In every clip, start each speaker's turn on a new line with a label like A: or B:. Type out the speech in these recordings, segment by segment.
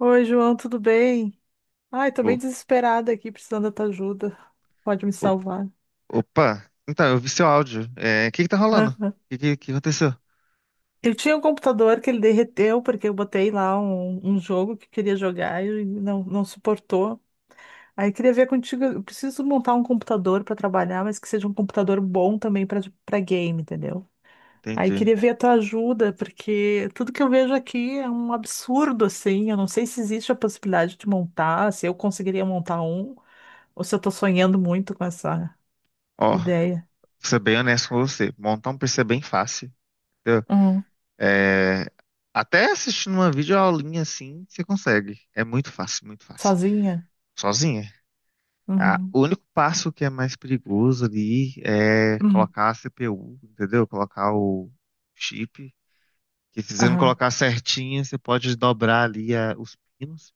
A: Oi, João, tudo bem? Ai, tô bem
B: O-
A: desesperada aqui, precisando da tua ajuda. Pode me
B: o-
A: salvar.
B: Opa, então, eu vi seu áudio. É, o que que tá rolando? O
A: Aham.
B: que aconteceu?
A: Eu tinha um computador que ele derreteu, porque eu botei lá um jogo que queria jogar e não suportou. Aí queria ver contigo, eu preciso montar um computador para trabalhar, mas que seja um computador bom também para game, entendeu? Aí
B: Entendi.
A: queria ver a tua ajuda, porque tudo que eu vejo aqui é um absurdo, assim. Eu não sei se existe a possibilidade de montar, se eu conseguiria montar um, ou se eu tô sonhando muito com essa
B: Ó, vou
A: ideia.
B: ser bem honesto com você. Montar um PC é bem fácil. Entendeu?
A: Hum.
B: É, até assistindo uma videoaulinha assim, você consegue. É muito fácil, muito fácil.
A: Sozinha?
B: Sozinha. Ah,
A: Uhum.
B: o único passo que é mais perigoso ali é
A: Uhum.
B: colocar a CPU, entendeu? Colocar o chip. Que se você não
A: Aham.
B: colocar certinho, você pode dobrar ali os pinos.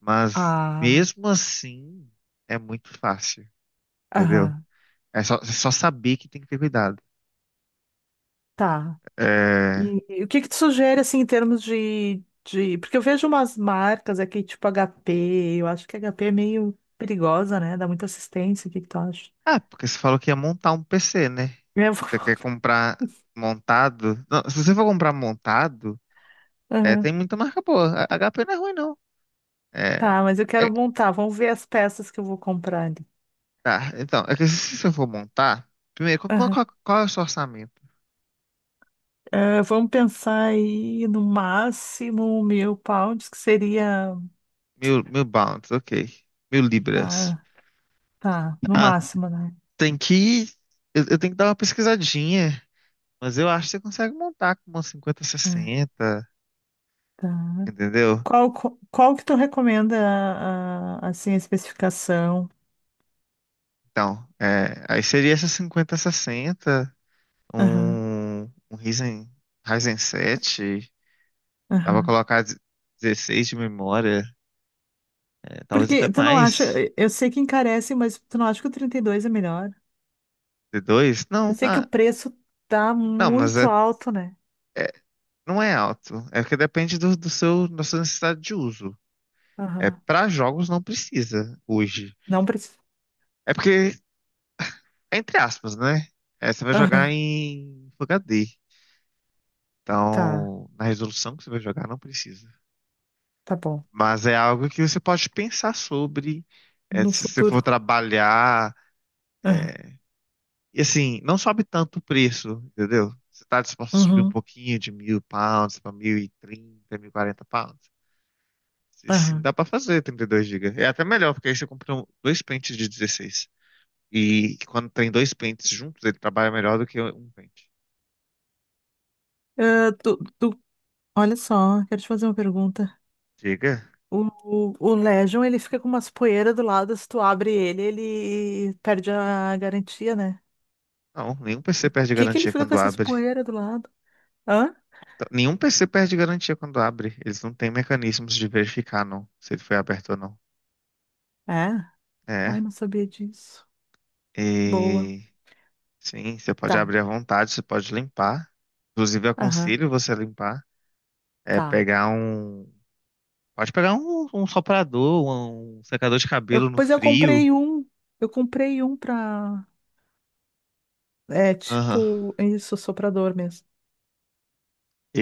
B: Mas
A: Ah.
B: mesmo assim, é muito fácil, entendeu?
A: Aham.
B: É só saber que tem que ter cuidado.
A: Tá.
B: É...
A: E o que que tu sugere, assim, em termos de... Porque eu vejo umas marcas aqui, tipo HP. Eu acho que HP é meio perigosa, né? Dá muita assistência. O que que tu acha?
B: Ah, porque você falou que ia montar um PC, né?
A: Eu
B: Você
A: vou-
B: quer comprar montado? Não, se você for comprar montado, é,
A: Aham.
B: tem muita marca boa. A HP não é ruim, não. É,
A: Tá, mas eu quero
B: é-
A: montar. Vamos ver as peças que eu vou comprar ali.
B: tá, então, é que se você for montar, primeiro, qual,
A: Aham.
B: qual é o seu orçamento?
A: Ah, vamos pensar aí no máximo 1000 pounds, que seria...
B: Mil pounds, ok. 1000 libras.
A: Tá, tá. No
B: Ah,
A: máximo, né?
B: tem que. Eu tenho que dar uma pesquisadinha. Mas eu acho que você consegue montar com uma
A: Ah,
B: 50-60,
A: tá.
B: entendeu?
A: Qual que tu recomenda, assim, a especificação?
B: Então, é, aí seria essa 50-60,
A: Aham,
B: um, um Ryzen 7, dá pra
A: aham.
B: colocar 16 de memória, é, talvez até
A: Porque tu não acha,
B: mais,
A: eu sei que encarece, mas tu não acha que o 32 é melhor?
B: de dois
A: Eu
B: Não,
A: sei que o
B: ah,
A: preço tá
B: não, mas
A: muito alto, né?
B: é- não é alto, é porque depende do seu, da sua necessidade de uso. É,
A: Aham.
B: para jogos não precisa hoje.
A: Não precisa.
B: É porque, entre aspas, né? É, você vai
A: Aham,
B: jogar em Full HD.
A: tá,
B: Então, na resolução que você vai jogar, não precisa.
A: tá bom.
B: Mas é algo que você pode pensar sobre, é,
A: No
B: se você for
A: futuro.
B: trabalhar.
A: Aham,
B: E assim, não sobe tanto o preço, entendeu? Você está disposto a subir um
A: uhum,
B: pouquinho de 1000 pounds para 1030, 1040 pounds? Se sim,
A: aham.
B: dá para fazer 32 gigas. É até melhor, porque aí você compra dois pentes de 16. E quando tem dois pentes juntos, ele trabalha melhor do que um pente.
A: Ah, tu, olha só, quero te fazer uma pergunta.
B: Diga?
A: O, o Legion, ele fica com umas poeiras do lado, se tu abre ele, ele perde a garantia, né?
B: Não, nenhum PC perde
A: Que ele
B: garantia
A: fica com
B: quando
A: essas
B: abre.
A: poeiras do lado? Hã?
B: Então, nenhum PC perde garantia quando abre. Eles não têm mecanismos de verificar, não, se ele foi aberto ou não.
A: É? Ai,
B: É.
A: não sabia disso. Boa.
B: E sim, você pode
A: Tá.
B: abrir à vontade, você pode limpar. Inclusive, eu
A: Aham.
B: aconselho você a limpar. É
A: Tá.
B: pegar um. Pode pegar um, um soprador, um secador de
A: Eu,
B: cabelo no
A: pois eu
B: frio.
A: comprei um. Eu comprei um pra. É
B: Aham.
A: tipo, isso, soprador mesmo.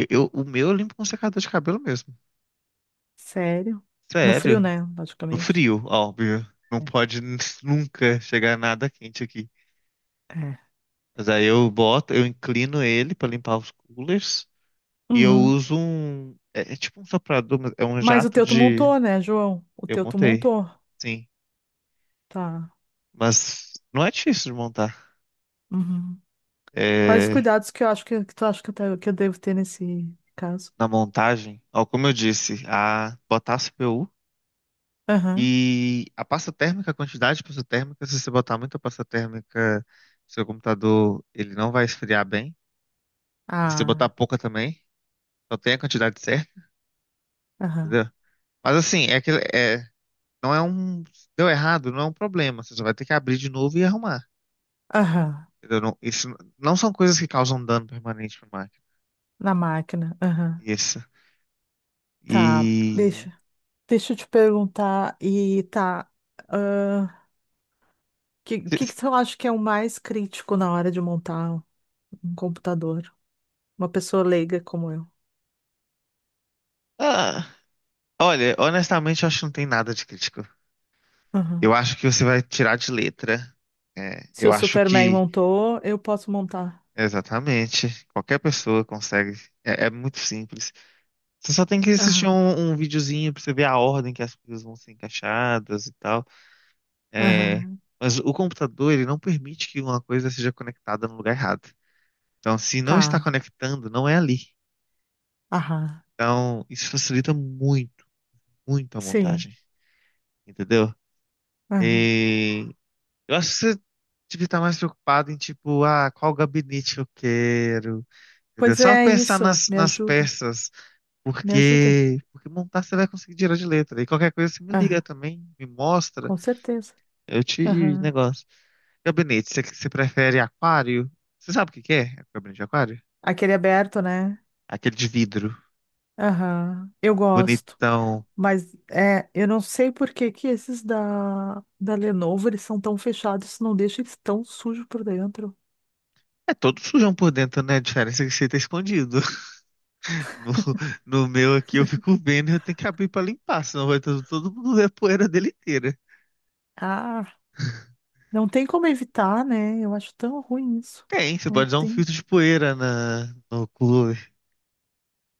B: O meu eu limpo com secador de cabelo mesmo.
A: Sério? No
B: Sério.
A: frio, né?
B: No
A: Logicamente.
B: frio, óbvio. Não pode nunca chegar nada quente aqui.
A: É.
B: Mas aí eu boto, eu inclino ele pra limpar os coolers. E eu
A: Uhum.
B: uso um. É tipo um soprador, mas é um
A: Mas o
B: jato
A: teu tu
B: de.
A: montou, né, João? O
B: Eu
A: teu tu
B: montei,
A: montou.
B: sim.
A: Tá.
B: Mas não é difícil de montar.
A: Uhum. Quais os
B: É,
A: cuidados que eu acho que tu acha que que eu devo ter nesse caso?
B: na montagem, ó, como eu disse, a botar a CPU
A: Aham.
B: e a pasta térmica, a quantidade de pasta térmica, se você botar muita pasta térmica, seu computador ele não vai esfriar bem. E se você botar
A: Ah.
B: pouca também, só tem a quantidade certa,
A: Aham.
B: entendeu? Mas assim, é que é, não é um. Deu errado, não é um problema. Você só vai ter que abrir de novo e arrumar.
A: Aham.
B: Entendeu? Não, isso não são coisas que causam dano permanente pra máquina.
A: Na máquina. Aham.
B: Isso.
A: Tá,
B: E.
A: deixa. Deixa eu te perguntar, e tá, o que que você acha que é o mais crítico na hora de montar um computador? Uma pessoa leiga como eu.
B: Ah, olha, honestamente, eu acho que não tem nada de crítico. Eu
A: Aham.
B: acho que você vai tirar de letra. É,
A: Se
B: eu
A: o
B: acho
A: Superman
B: que.
A: montou, eu posso montar.
B: Exatamente. Qualquer pessoa consegue. É muito simples. Você só tem que assistir
A: Aham,
B: um videozinho pra você ver a ordem que as coisas vão ser encaixadas e tal. É,
A: aham,
B: mas o computador, ele não permite que uma coisa seja conectada no lugar errado. Então, se não está
A: tá,
B: conectando, não é ali.
A: aham,
B: Então, isso facilita muito, muito a
A: sim,
B: montagem, entendeu?
A: aham.
B: E eu acho que você devia estar mais preocupado em, tipo, ah, qual gabinete eu quero, entendeu?
A: Pois
B: Só
A: é, é
B: pensar
A: isso,
B: nas,
A: me
B: nas
A: ajuda,
B: peças,
A: me ajuda.
B: porque montar você vai conseguir tirar de letra. E qualquer coisa você me
A: Aham,
B: liga também, me mostra,
A: com certeza.
B: eu te
A: Aham.
B: negócio. Gabinete, você prefere aquário? Você sabe o que que é gabinete de aquário?
A: Aquele aberto, né?
B: Aquele de vidro,
A: Aham, eu gosto.
B: bonitão.
A: Mas é, eu não sei por que que esses da Lenovo eles são tão fechados, não deixa eles tão sujos por dentro.
B: É todo sujão por dentro, né? A diferença é que você tá escondido. No, no meu aqui eu fico vendo e eu tenho que abrir pra limpar, senão vai todo mundo ver a poeira dele inteira.
A: Ah, não tem como evitar, né? Eu acho tão ruim isso.
B: Tem, você
A: Não
B: pode usar um
A: tem.
B: filtro de poeira na, no cooler.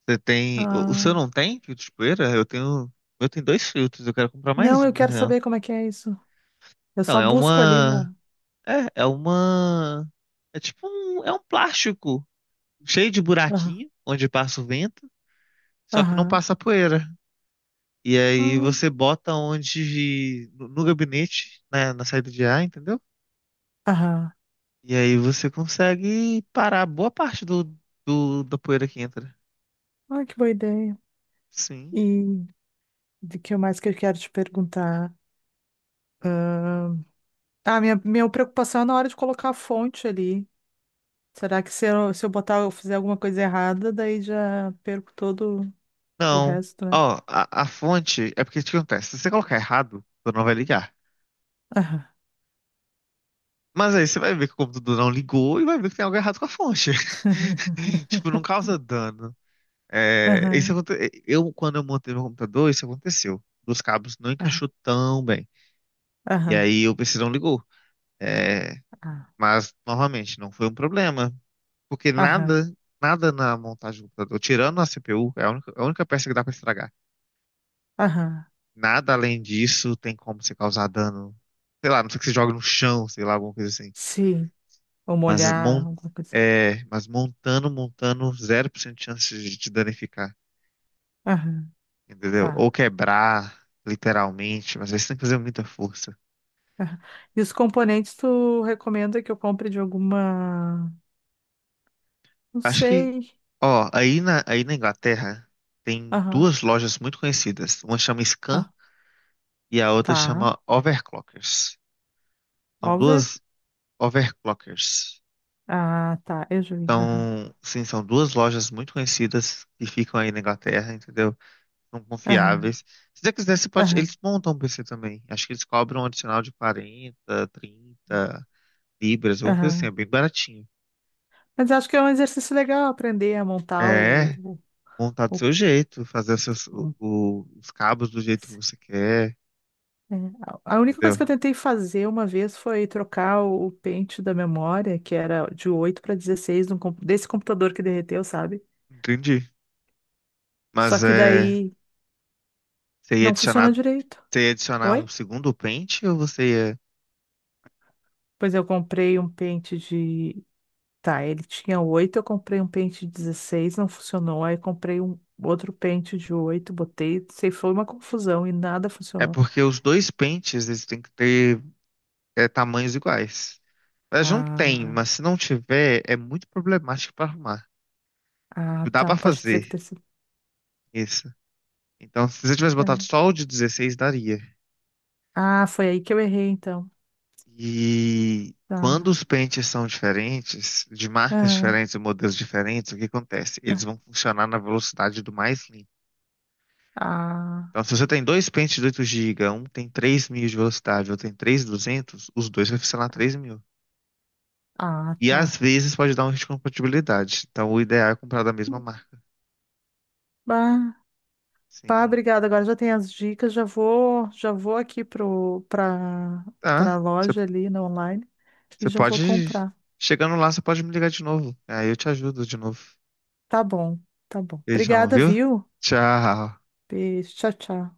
B: Você tem. O seu
A: Ah,
B: não tem filtro de poeira? Eu tenho. Eu tenho dois filtros, eu quero comprar mais
A: não,
B: um,
A: eu
B: na
A: quero
B: real.
A: saber como é que é isso. Eu
B: Então,
A: só
B: é
A: busco ali
B: uma.
A: na.
B: É uma. É tipo um. É um plástico cheio de
A: Aham,
B: buraquinho, onde passa o vento, só que não
A: aham,
B: passa a poeira. E aí
A: ah,
B: você bota onde. No gabinete, né, na saída de ar, entendeu?
A: aham.
B: E aí você consegue parar boa parte da poeira que entra.
A: Ah, que boa ideia.
B: Sim.
A: E de que mais que eu quero te perguntar? Ah, minha preocupação é na hora de colocar a fonte ali. Será que se eu, se eu botar, eu fizer alguma coisa errada, daí já perco todo o
B: Não.
A: resto, né?
B: Ó, a fonte é porque o que acontece? Se você colocar errado, o computador não vai ligar.
A: Aham.
B: Mas aí você vai ver que o computador não ligou e vai ver que tem algo errado com a fonte. Tipo, não causa dano. É, isso
A: Aham.
B: aconte... Eu, quando eu montei meu computador, isso aconteceu. Os cabos não
A: Aham.
B: encaixou tão bem. E
A: Aham.
B: aí o PC não ligou. É,
A: Ah,
B: mas, novamente, não foi um problema. Porque
A: aham.
B: nada, nada na montagem do computador, tirando a CPU, é a única peça que dá pra estragar.
A: Aham.
B: Nada além disso tem como você causar dano. Sei lá, não sei que você joga no chão, sei lá, alguma coisa assim.
A: Sim. Ou
B: Mas,
A: molhar,
B: mon,
A: alguma coisa assim.
B: mas montando, montando, 0% de chance de te danificar,
A: Aham.
B: entendeu? Ou
A: Tá.
B: quebrar, literalmente, mas aí você tem que fazer muita força.
A: Aham. E os componentes tu recomenda que eu compre de alguma. Não
B: Acho que,
A: sei.
B: ó, aí na Inglaterra tem
A: Aham.
B: duas lojas muito conhecidas. Uma chama Scan
A: Ah,
B: e a outra
A: tá.
B: chama Overclockers. São
A: Over?
B: duas Overclockers.
A: Ah, tá. Eu já vi. Aham.
B: Então, sim, são duas lojas muito conhecidas que ficam aí na Inglaterra, entendeu? São confiáveis.
A: Aham.
B: Se você quiser, você pode...
A: Aham.
B: eles montam um PC também. Acho que eles cobram um adicional de 40, 30 libras, alguma coisa assim, é
A: Aham.
B: bem baratinho.
A: Mas acho que é um exercício legal aprender a montar
B: É, montar do
A: o-
B: seu jeito, fazer os, seus-
A: o-
B: o- os cabos do jeito que você quer,
A: é, a única coisa
B: entendeu?
A: que eu tentei fazer uma vez foi trocar o pente da memória, que era de 8 para 16 desse computador que derreteu, sabe?
B: Entendi.
A: Só
B: Mas
A: que
B: é,
A: daí
B: você ia
A: não
B: adicionar,
A: funcionou direito.
B: você ia adicionar um
A: Oi?
B: segundo pente ou você ia...
A: Pois eu comprei um pente de. Tá, ele tinha 8, eu comprei um pente de 16, não funcionou. Aí comprei um outro pente de 8, botei, sei, foi uma confusão e nada
B: É
A: funcionou.
B: porque os dois pentes, eles têm que ter tamanhos iguais. Mas não tem,
A: Ah,
B: mas se não tiver, é muito problemático pra arrumar.
A: ah,
B: Dá
A: tá,
B: pra
A: pode dizer
B: fazer
A: que ter sido.
B: isso. Então, se você tivesse botado
A: É.
B: só o de 16, daria.
A: Ah, foi aí que eu errei então.
B: E quando
A: Tá.
B: os pentes são diferentes, de marcas
A: Aham.
B: diferentes e modelos diferentes, o que acontece? Eles vão funcionar na velocidade do mais limpo.
A: Ah,
B: Então, se você tem dois pentes de 8 GB, um tem 3000 de velocidade, outro tem 3200, os dois vai funcionar 3000.
A: ah,
B: E às
A: tá.
B: vezes pode dar um risco de compatibilidade. Então, o ideal é comprar da mesma marca.
A: Bah, bah,
B: Sim.
A: obrigada. Agora já tem as dicas. Já vou aqui pro para para
B: Tá. Você
A: loja ali na online e
B: você
A: já vou
B: pode.
A: comprar.
B: Chegando lá, você pode me ligar de novo. Aí eu te ajudo de novo.
A: Tá bom, tá bom.
B: Beijão,
A: Obrigada,
B: viu?
A: viu?
B: Tchau.
A: Beijo, tchau, tchau.